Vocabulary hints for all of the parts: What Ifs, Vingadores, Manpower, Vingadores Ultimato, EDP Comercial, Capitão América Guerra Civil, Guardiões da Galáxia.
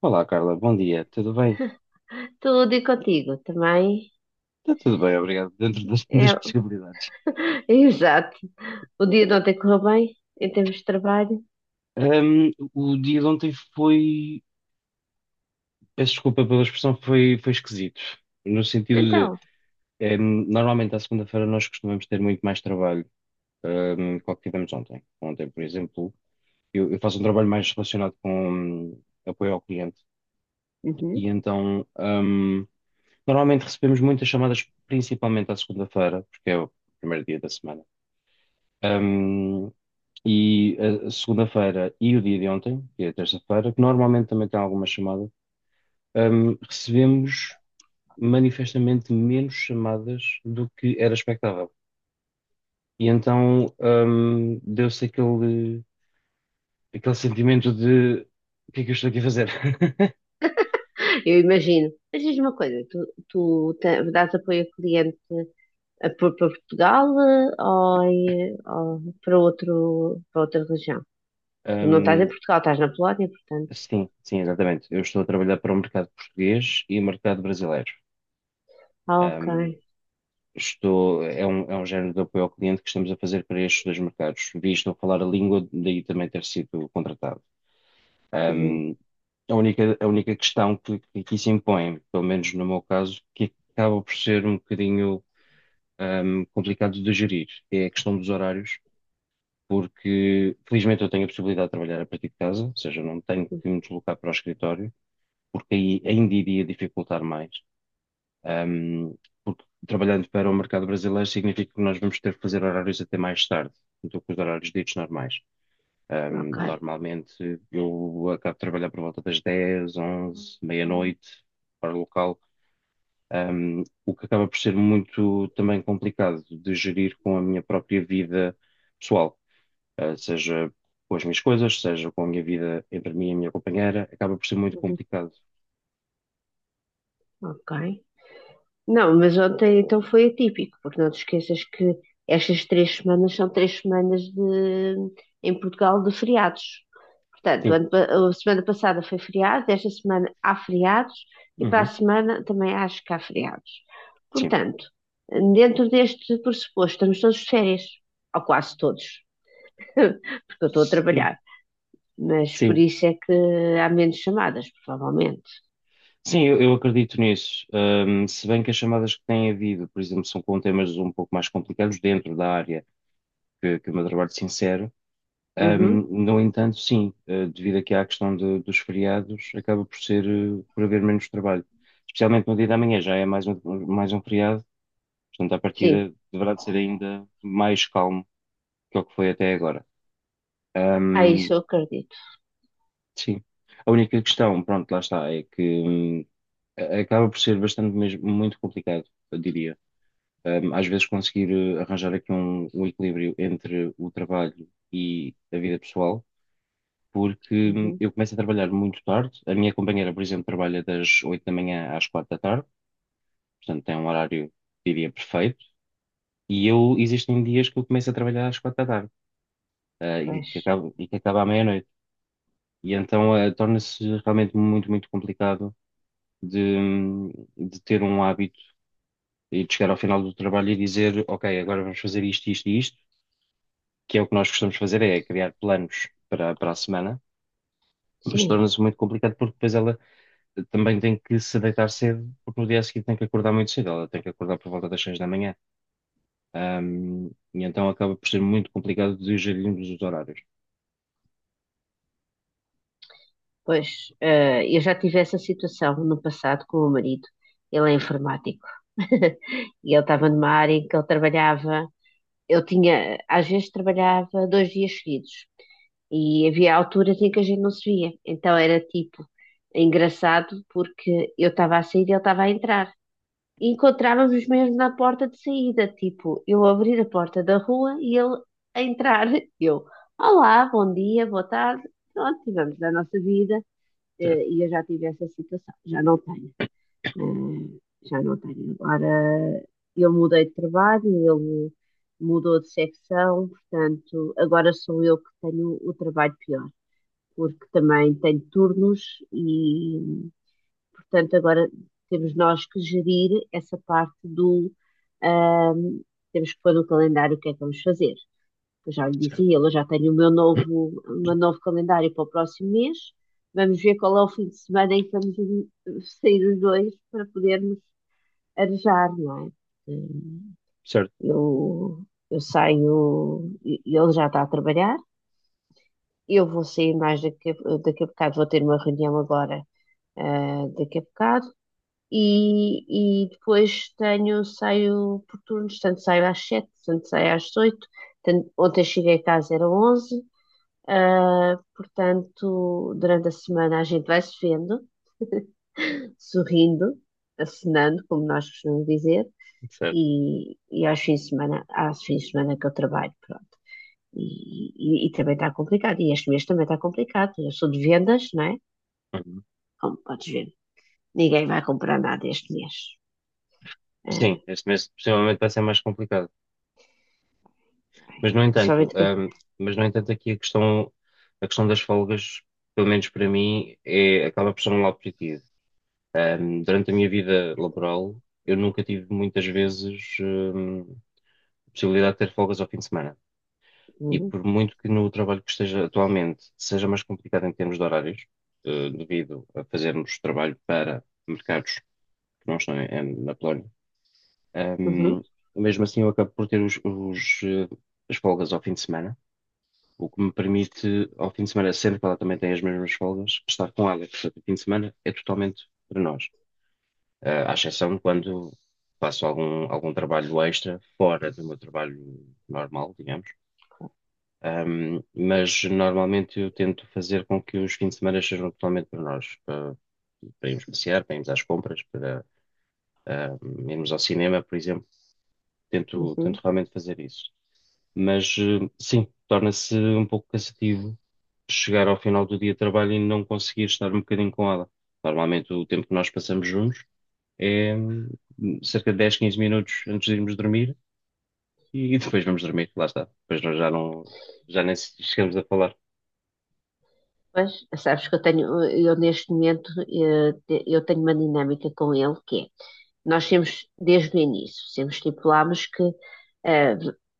Olá, Carla, bom dia, tudo bem? Tudo e contigo também. Está tudo bem, obrigado, dentro É, das possibilidades. exato. O dia de ontem correu bem, em termos de trabalho. O dia de ontem foi, peço desculpa pela expressão, foi esquisito, no sentido de, Então, normalmente à segunda-feira nós costumamos ter muito mais trabalho, que o que tivemos ontem. Ontem, por exemplo, eu faço um trabalho mais relacionado com apoio ao cliente, e uhum, então, normalmente recebemos muitas chamadas, principalmente à segunda-feira, porque é o primeiro dia da semana. Um, e a segunda-feira e o dia de ontem, que é a terça-feira, que normalmente também tem alguma chamada, recebemos manifestamente menos chamadas do que era expectável. E então, deu-se aquele sentimento de o que é que eu estou aqui a fazer? eu imagino. Mas diz uma coisa, tu dás apoio ao cliente para Portugal eh, ou, ou para para outra região? Tu não estás em Um, Portugal, estás na Polónia, portanto. sim, sim, exatamente. Eu estou a trabalhar para o mercado português e o mercado brasileiro. Ah, ok. Estou, é um género de apoio ao cliente que estamos a fazer para estes dois mercados, visto eu falar a língua, daí também ter sido contratado. Uhum, Um, a a única questão que aqui se impõe, pelo menos no meu caso, que acaba por ser um bocadinho, complicado de gerir, é a questão dos horários, porque felizmente eu tenho a possibilidade de trabalhar a partir de casa, ou seja, não tenho que me deslocar para o escritório, porque aí ainda iria dificultar mais. Um, Porque trabalhando para o mercado brasileiro significa que nós vamos ter que fazer horários até mais tarde do que os horários ditos normais. Ok. Normalmente eu acabo de trabalhar por volta das 10, 11, meia-noite, para o local, o que acaba por ser muito também complicado de gerir com a minha própria vida pessoal, seja com as minhas coisas, seja com a minha vida entre mim e a minha companheira, acaba por ser muito Uhum, complicado. ok. Não, mas ontem então foi atípico, porque não te esqueças que estas três semanas são três semanas em Portugal de feriados. Portanto, Sim, a semana passada foi feriado, esta semana há feriados e para a uhum. semana também acho que há feriados. Sim, Portanto, dentro deste pressuposto, estamos todos de férias, ou quase todos, porque eu estou a sim, trabalhar. Mas por sim. isso é que há menos chamadas, provavelmente. Sim, eu acredito nisso. Se bem que as chamadas que têm havido, por exemplo, são com temas um pouco mais complicados dentro da área que o meu trabalho se insere. Uhum. No entanto, sim, devido aqui à questão de- dos feriados, acaba por ser, por haver menos trabalho. Especialmente no dia da manhã, já é mais um feriado, portanto, à Sim, partida deverá de ser ainda mais calmo que o que foi até agora. ah, Ahm, isso eu acredito. sim. A única questão, pronto, lá está, é que acaba por ser bastante mesmo, muito complicado, eu diria. Às vezes conseguir arranjar aqui um equilíbrio entre o trabalho e a vida pessoal, porque Uhum. eu começo a trabalhar muito tarde. A minha companheira, por exemplo, trabalha das 8 da manhã às 4 da tarde, portanto tem um horário, diria, perfeito. E eu, existem dias que eu começo a trabalhar às 4 da tarde, Pois, e que acaba à meia-noite. E então torna-se realmente muito, muito complicado. De, hum, de ter um hábito e de chegar ao final do trabalho e dizer, ok, agora vamos fazer isto, isto e isto, que é o que nós costumamos fazer, é criar planos para a semana, mas sim, torna-se muito complicado porque depois ela também tem que se deitar cedo, porque no dia seguinte tem que acordar muito cedo, ela tem que acordar por volta das 6 da manhã. Ahm, e então acaba por ser muito complicado de gerirmos os horários. pois, eh, eu já tive essa situação no passado com o meu marido. Ele é informático. E ele estava Certo, numa área em que ele trabalhava. Eu tinha, às vezes, trabalhava dois dias seguidos. E havia alturas em que a gente não se via. Então era tipo engraçado porque eu estava a sair e ele estava a entrar. E encontrávamos mesmo na porta de saída, tipo, eu abrir a porta da rua e ele a entrar. Eu, olá, bom dia, boa tarde. Pronto, tivemos a nossa vida, eh, e eu já tive essa situação, já não tenho, eh, já não tenho Agora eu mudei de trabalho, ele mudou de secção, portanto, agora sou eu que tenho o trabalho pior, porque também tenho turnos. Portanto, agora temos nós que gerir essa parte do. ahm, Temos que pôr no calendário o que é que vamos fazer. Eu já lhe disse a certo, ele, eu já tenho o meu novo, o meu novo calendário para o próximo mês. Vamos ver qual é o fim de semana em que vamos, eh, sair os dois para podermos arejar, não é? Hum. certo, Eu, eu saio, e ele já está a trabalhar. Eu vou sair mais daqui, daqui a bocado, vou ter uma reunião agora, ah, daqui a bocado. E depois saio por turnos, tanto saio às sete, tanto saio às oito, ontem cheguei a casa era onze. Ah, portanto, durante a semana a gente vai se vendo, sorrindo, acenando, como nós costumamos dizer. certo. E aos fins de semana que eu trabalho, pronto. E, e também está complicado, e este mês também está complicado, eu sou de vendas, não é? Uhum. Como podes ver, ninguém vai comprar nada este mês. Sim, Ah. este mês possivelmente vai ser mais complicado. Mas no entanto, Principalmente que. Aqui a questão das folgas, pelo menos para mim, é, acaba por ser um lado positivo. Durante a minha vida laboral, eu nunca tive muitas vezes, possibilidade de ter folgas ao fim de semana. E Hum. por muito que no trabalho que esteja atualmente seja mais complicado em termos de horários, devido a fazermos trabalho para mercados que não estão na Polónia, ahm, Uhum, mesmo assim eu acabo por ter as folgas ao fim de semana, o que me permite, ao fim de semana, sendo que ela também tem as mesmas folgas, estar com ela. Portanto, o fim de semana é totalmente para nós, à exceção quando faço algum trabalho extra fora do meu trabalho normal, digamos. Mas normalmente eu tento fazer com que os fins de semana sejam totalmente para nós, para irmos passear, para irmos às compras, para irmos ao cinema, por exemplo. Tento uhum. realmente fazer isso. Mas sim, torna-se um pouco cansativo chegar ao final do dia de trabalho e não conseguir estar um bocadinho com ela. Normalmente o tempo que nós passamos juntos é cerca de 10 15 minutos antes de irmos dormir e depois vamos dormir, lá está. Depois nós já nem se- chegamos a falar. Mas sabes que eu tenho, eu neste momento, eh, eu tenho uma dinâmica com ele que é, nós temos desde o início, sempre estipulámos que, eh,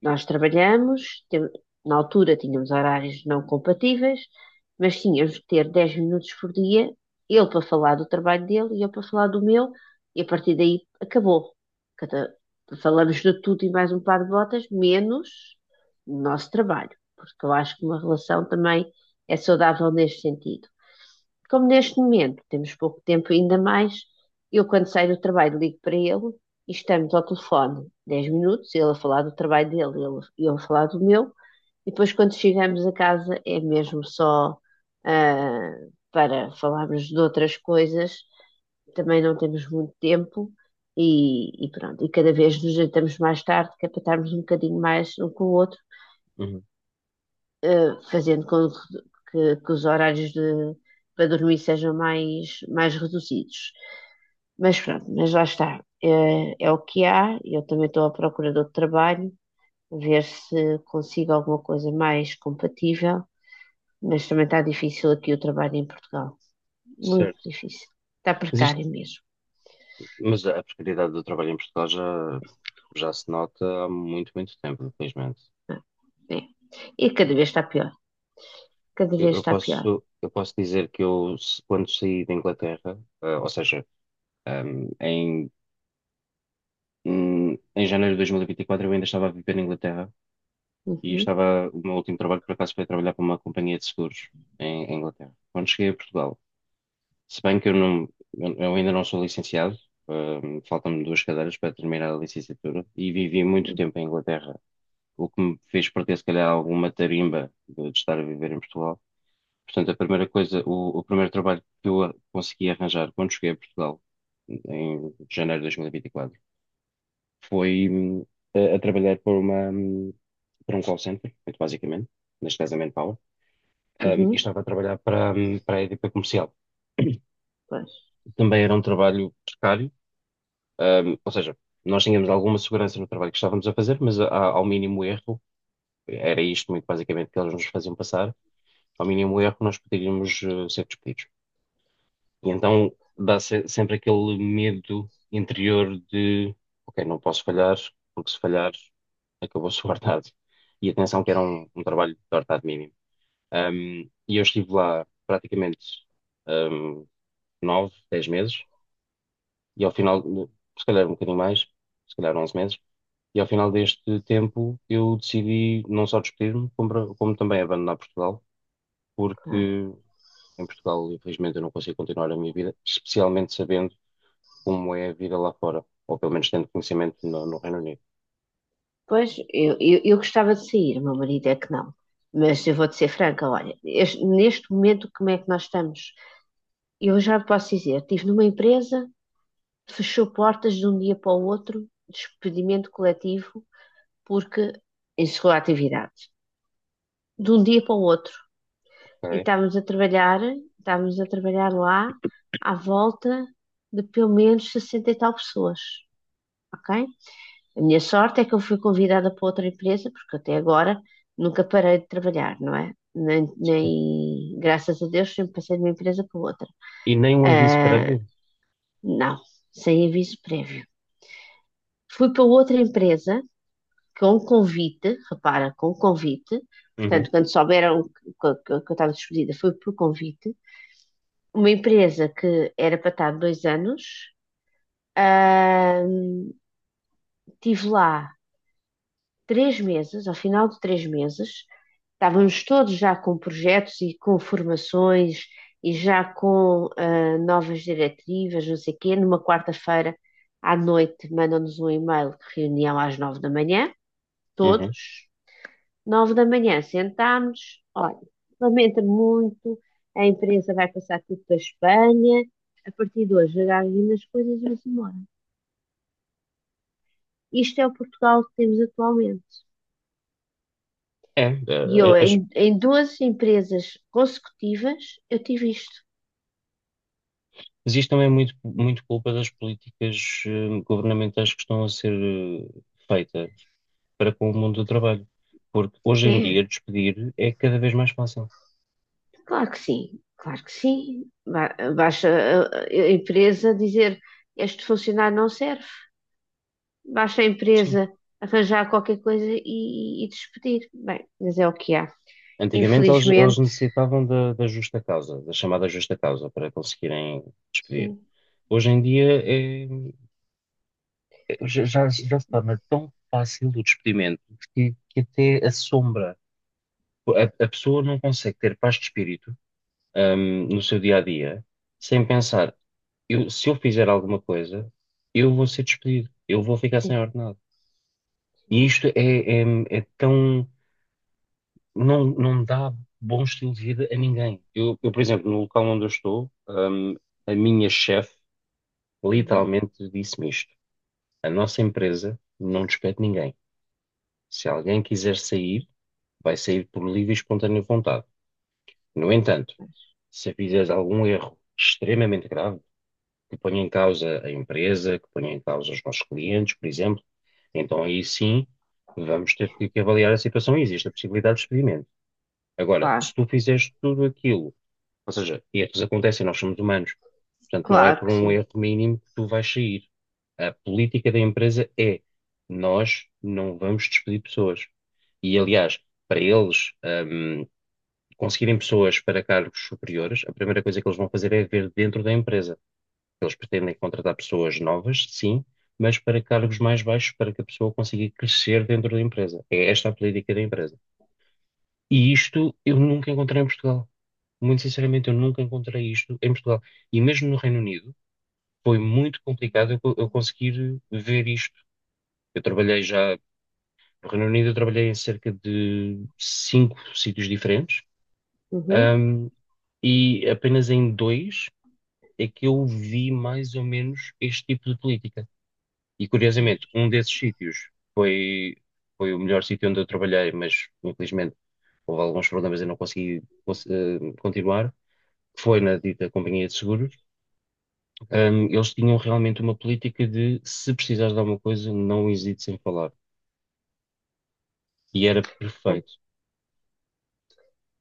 nós trabalhamos, na altura tínhamos horários não compatíveis, mas tínhamos que ter 10 minutos por dia, ele para falar do trabalho dele e eu para falar do meu, e a partir daí acabou. Cada- Falamos de tudo e mais um par de botas, menos o nosso trabalho, porque eu acho que uma relação também é saudável neste sentido. Como neste momento temos pouco tempo ainda mais, eu quando saio do trabalho ligo para ele e estamos ao telefone 10 minutos, ele a falar do trabalho dele, e eu a falar do meu, e depois quando chegamos a casa é mesmo só, ah, para falarmos de outras coisas, também não temos muito tempo. E pronto, e cada vez nos jantamos mais tarde, que é para estarmos um bocadinho mais um com o outro, Uhum, eh, fazendo com que os horários para dormir sejam mais reduzidos. Mas pronto, mas lá está. Eh, é, o que há. Eu também estou à procura de outro trabalho, ver se consigo alguma coisa mais compatível, mas também está difícil aqui o trabalho em Portugal. Muito certo. difícil. Está Mas isto, precário mesmo. mas a precariedade do trabalho em Portugal já se nota há muito, muito tempo, infelizmente. Ah, é. E cada vez está pior. Cada Eu, vez eu está pior. posso, eu posso dizer que eu, se- quando saí da Inglaterra, ou seja, hum, em, em janeiro de dois mil e vinte e quatro eu ainda estava a viver na Inglaterra e Uhum, estava, o meu último trabalho por acaso foi trabalhar para uma companhia de seguros em Inglaterra. Quando cheguei a Portugal, se bem que eu ainda não sou licenciado, faltam-me duas cadeiras para terminar a licenciatura e vivi muito uhum, tempo em Inglaterra, o que me fez perder se calhar alguma tarimba de estar a viver em Portugal. Portanto, a primeira coisa, o primeiro trabalho que eu a- consegui arranjar quando cheguei a Portugal, em janeiro de 2024, foi a trabalhar para para um call center, muito basicamente, neste caso a Manpower. E uhum. estava a trabalhar para a EDP Comercial. Pois, Também era um trabalho precário, ou seja, nós tínhamos alguma segurança no trabalho que estávamos a fazer, mas ao mínimo erro, era isto muito basicamente que eles nos faziam passar, ao mínimo erro nós poderíamos ser despedidos. E então dá se- sempre aquele medo interior de, ok, não posso falhar, porque se falhar, acabou-se o ordenado. E atenção que era um trabalho de ordenado mínimo. Um, e eu estive lá praticamente 9, 10 meses, e ao final, se calhar um bocadinho mais, se calhar 11 meses, e ao final deste tempo eu decidi não só despedir-me, como também abandonar Portugal, porque claro. em Portugal, infelizmente, eu não consigo continuar a minha vida, especialmente sabendo como é a vida lá fora, ou pelo menos tendo conhecimento no Reino Unido. Pois, eu gostava de sair, o meu marido é que não. Mas eu vou-te ser franca, olha, neste momento como é que nós estamos? Eu já posso dizer, estive numa empresa, fechou portas de um dia para o outro, despedimento coletivo, porque encerrou a atividade. De um dia para o outro. E Ok? estávamos a trabalhar lá, à volta de pelo menos 60 e tal pessoas, ok? A minha sorte é que eu fui convidada para outra empresa, porque até agora nunca parei de trabalhar, não é? Graças a Deus, sempre passei de uma empresa para outra. E nem um aviso Ah, prévio. não, sem aviso prévio. Fui para outra empresa com convite, repara, com convite. Uhum, Portanto, quando souberam que, que eu estava despedida, foi por convite. Uma empresa que era para estar 2 anos. Ah, estive lá 3 meses, ao final de 3 meses, estávamos todos já com projetos e com formações e já com, ah, novas diretivas, não sei o quê. Numa quarta-feira à noite mandam-nos um e-mail, de reunião às 9 da manhã, uhum. todos, 9 da manhã, sentámos, olha, lamenta muito, a imprensa vai passar tudo para a Espanha, a partir de hoje agarrem nas coisas e vamos embora. Isto é o Portugal que temos atualmente. É, E eu as, em duas empresas consecutivas, eu tive isto. mas isto também é muito, muito culpa das políticas governamentais que estão a ser feitas para com o mundo do trabalho. Porque hoje em É, dia despedir é cada vez mais fácil. claro que sim, claro que sim. Basta a empresa dizer este funcionário não serve, basta a Sim. empresa arranjar qualquer coisa e despedir. Bem, mas é o que há. Antigamente eles Infelizmente, necessitavam da justa causa, da chamada justa causa, para conseguirem despedir. sim, Hoje em dia já se torna tão fácil o despedimento que até assombra. A pessoa não consegue ter paz de espírito no seu dia a dia, sem pensar, se eu fizer alguma coisa, eu vou ser despedido, eu vou ficar sim. sem ordenado. E isto é, é tão. Não, não dá bom estilo de vida a ninguém. Eu, por exemplo, no local onde eu estou, a minha chefe Uhum. literalmente disse-me isto: a nossa empresa não despede ninguém. Se alguém quiser sair, vai sair por livre e espontânea vontade. No entanto, se fizeres algum erro extremamente grave, que ponha em causa a empresa, que ponha em causa os nossos clientes, por exemplo, então aí sim vamos ter que avaliar a situação e existe a possibilidade de experimento. Agora, se Claro, tu fizeste tudo aquilo, ou seja, erros acontecem, nós somos humanos, portanto não é claro por que um sim. erro mínimo que tu vais sair. A política da empresa é nós não vamos despedir pessoas. E aliás, para eles, hum, conseguirem pessoas para cargos superiores, a primeira coisa que eles vão fazer é ver dentro da empresa. Eles pretendem contratar pessoas novas, sim, mas para cargos mais baixos, para que a pessoa consiga crescer dentro da empresa. É esta a política da empresa. E isto eu nunca encontrei em Portugal. Muito sinceramente, eu nunca encontrei isto em Portugal. E mesmo no Reino Unido, foi muito complicado eu conseguir ver isto. Eu trabalhei já no Reino Unido, eu trabalhei em cerca de cinco sítios diferentes Uhum. e apenas em dois é que eu vi mais ou menos este tipo de política. E curiosamente, Pois. um desses sítios foi, foi o melhor sítio onde eu trabalhei, mas infelizmente houve alguns problemas e eu não consegui cons- continuar. Foi na dita companhia de seguros. Eles tinham realmente uma política de se precisares de alguma coisa, não hesites em falar. E era Bem, perfeito.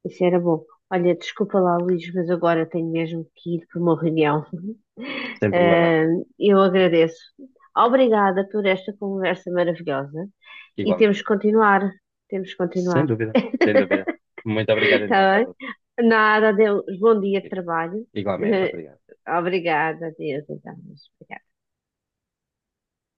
isso era bom. Olha, desculpa lá, Luís, mas agora tenho mesmo que ir para uma reunião. Sem problema, Eu agradeço. Obrigada por esta conversa maravilhosa e temos igualmente. que continuar. Temos que Sem continuar. dúvida, sem dúvida. Muito obrigado então, Está bem? Carlos. Nada, adeus. Bom dia de Obrigado. trabalho. Igualmente, obrigado. Obrigada, adeus. Então, obrigada.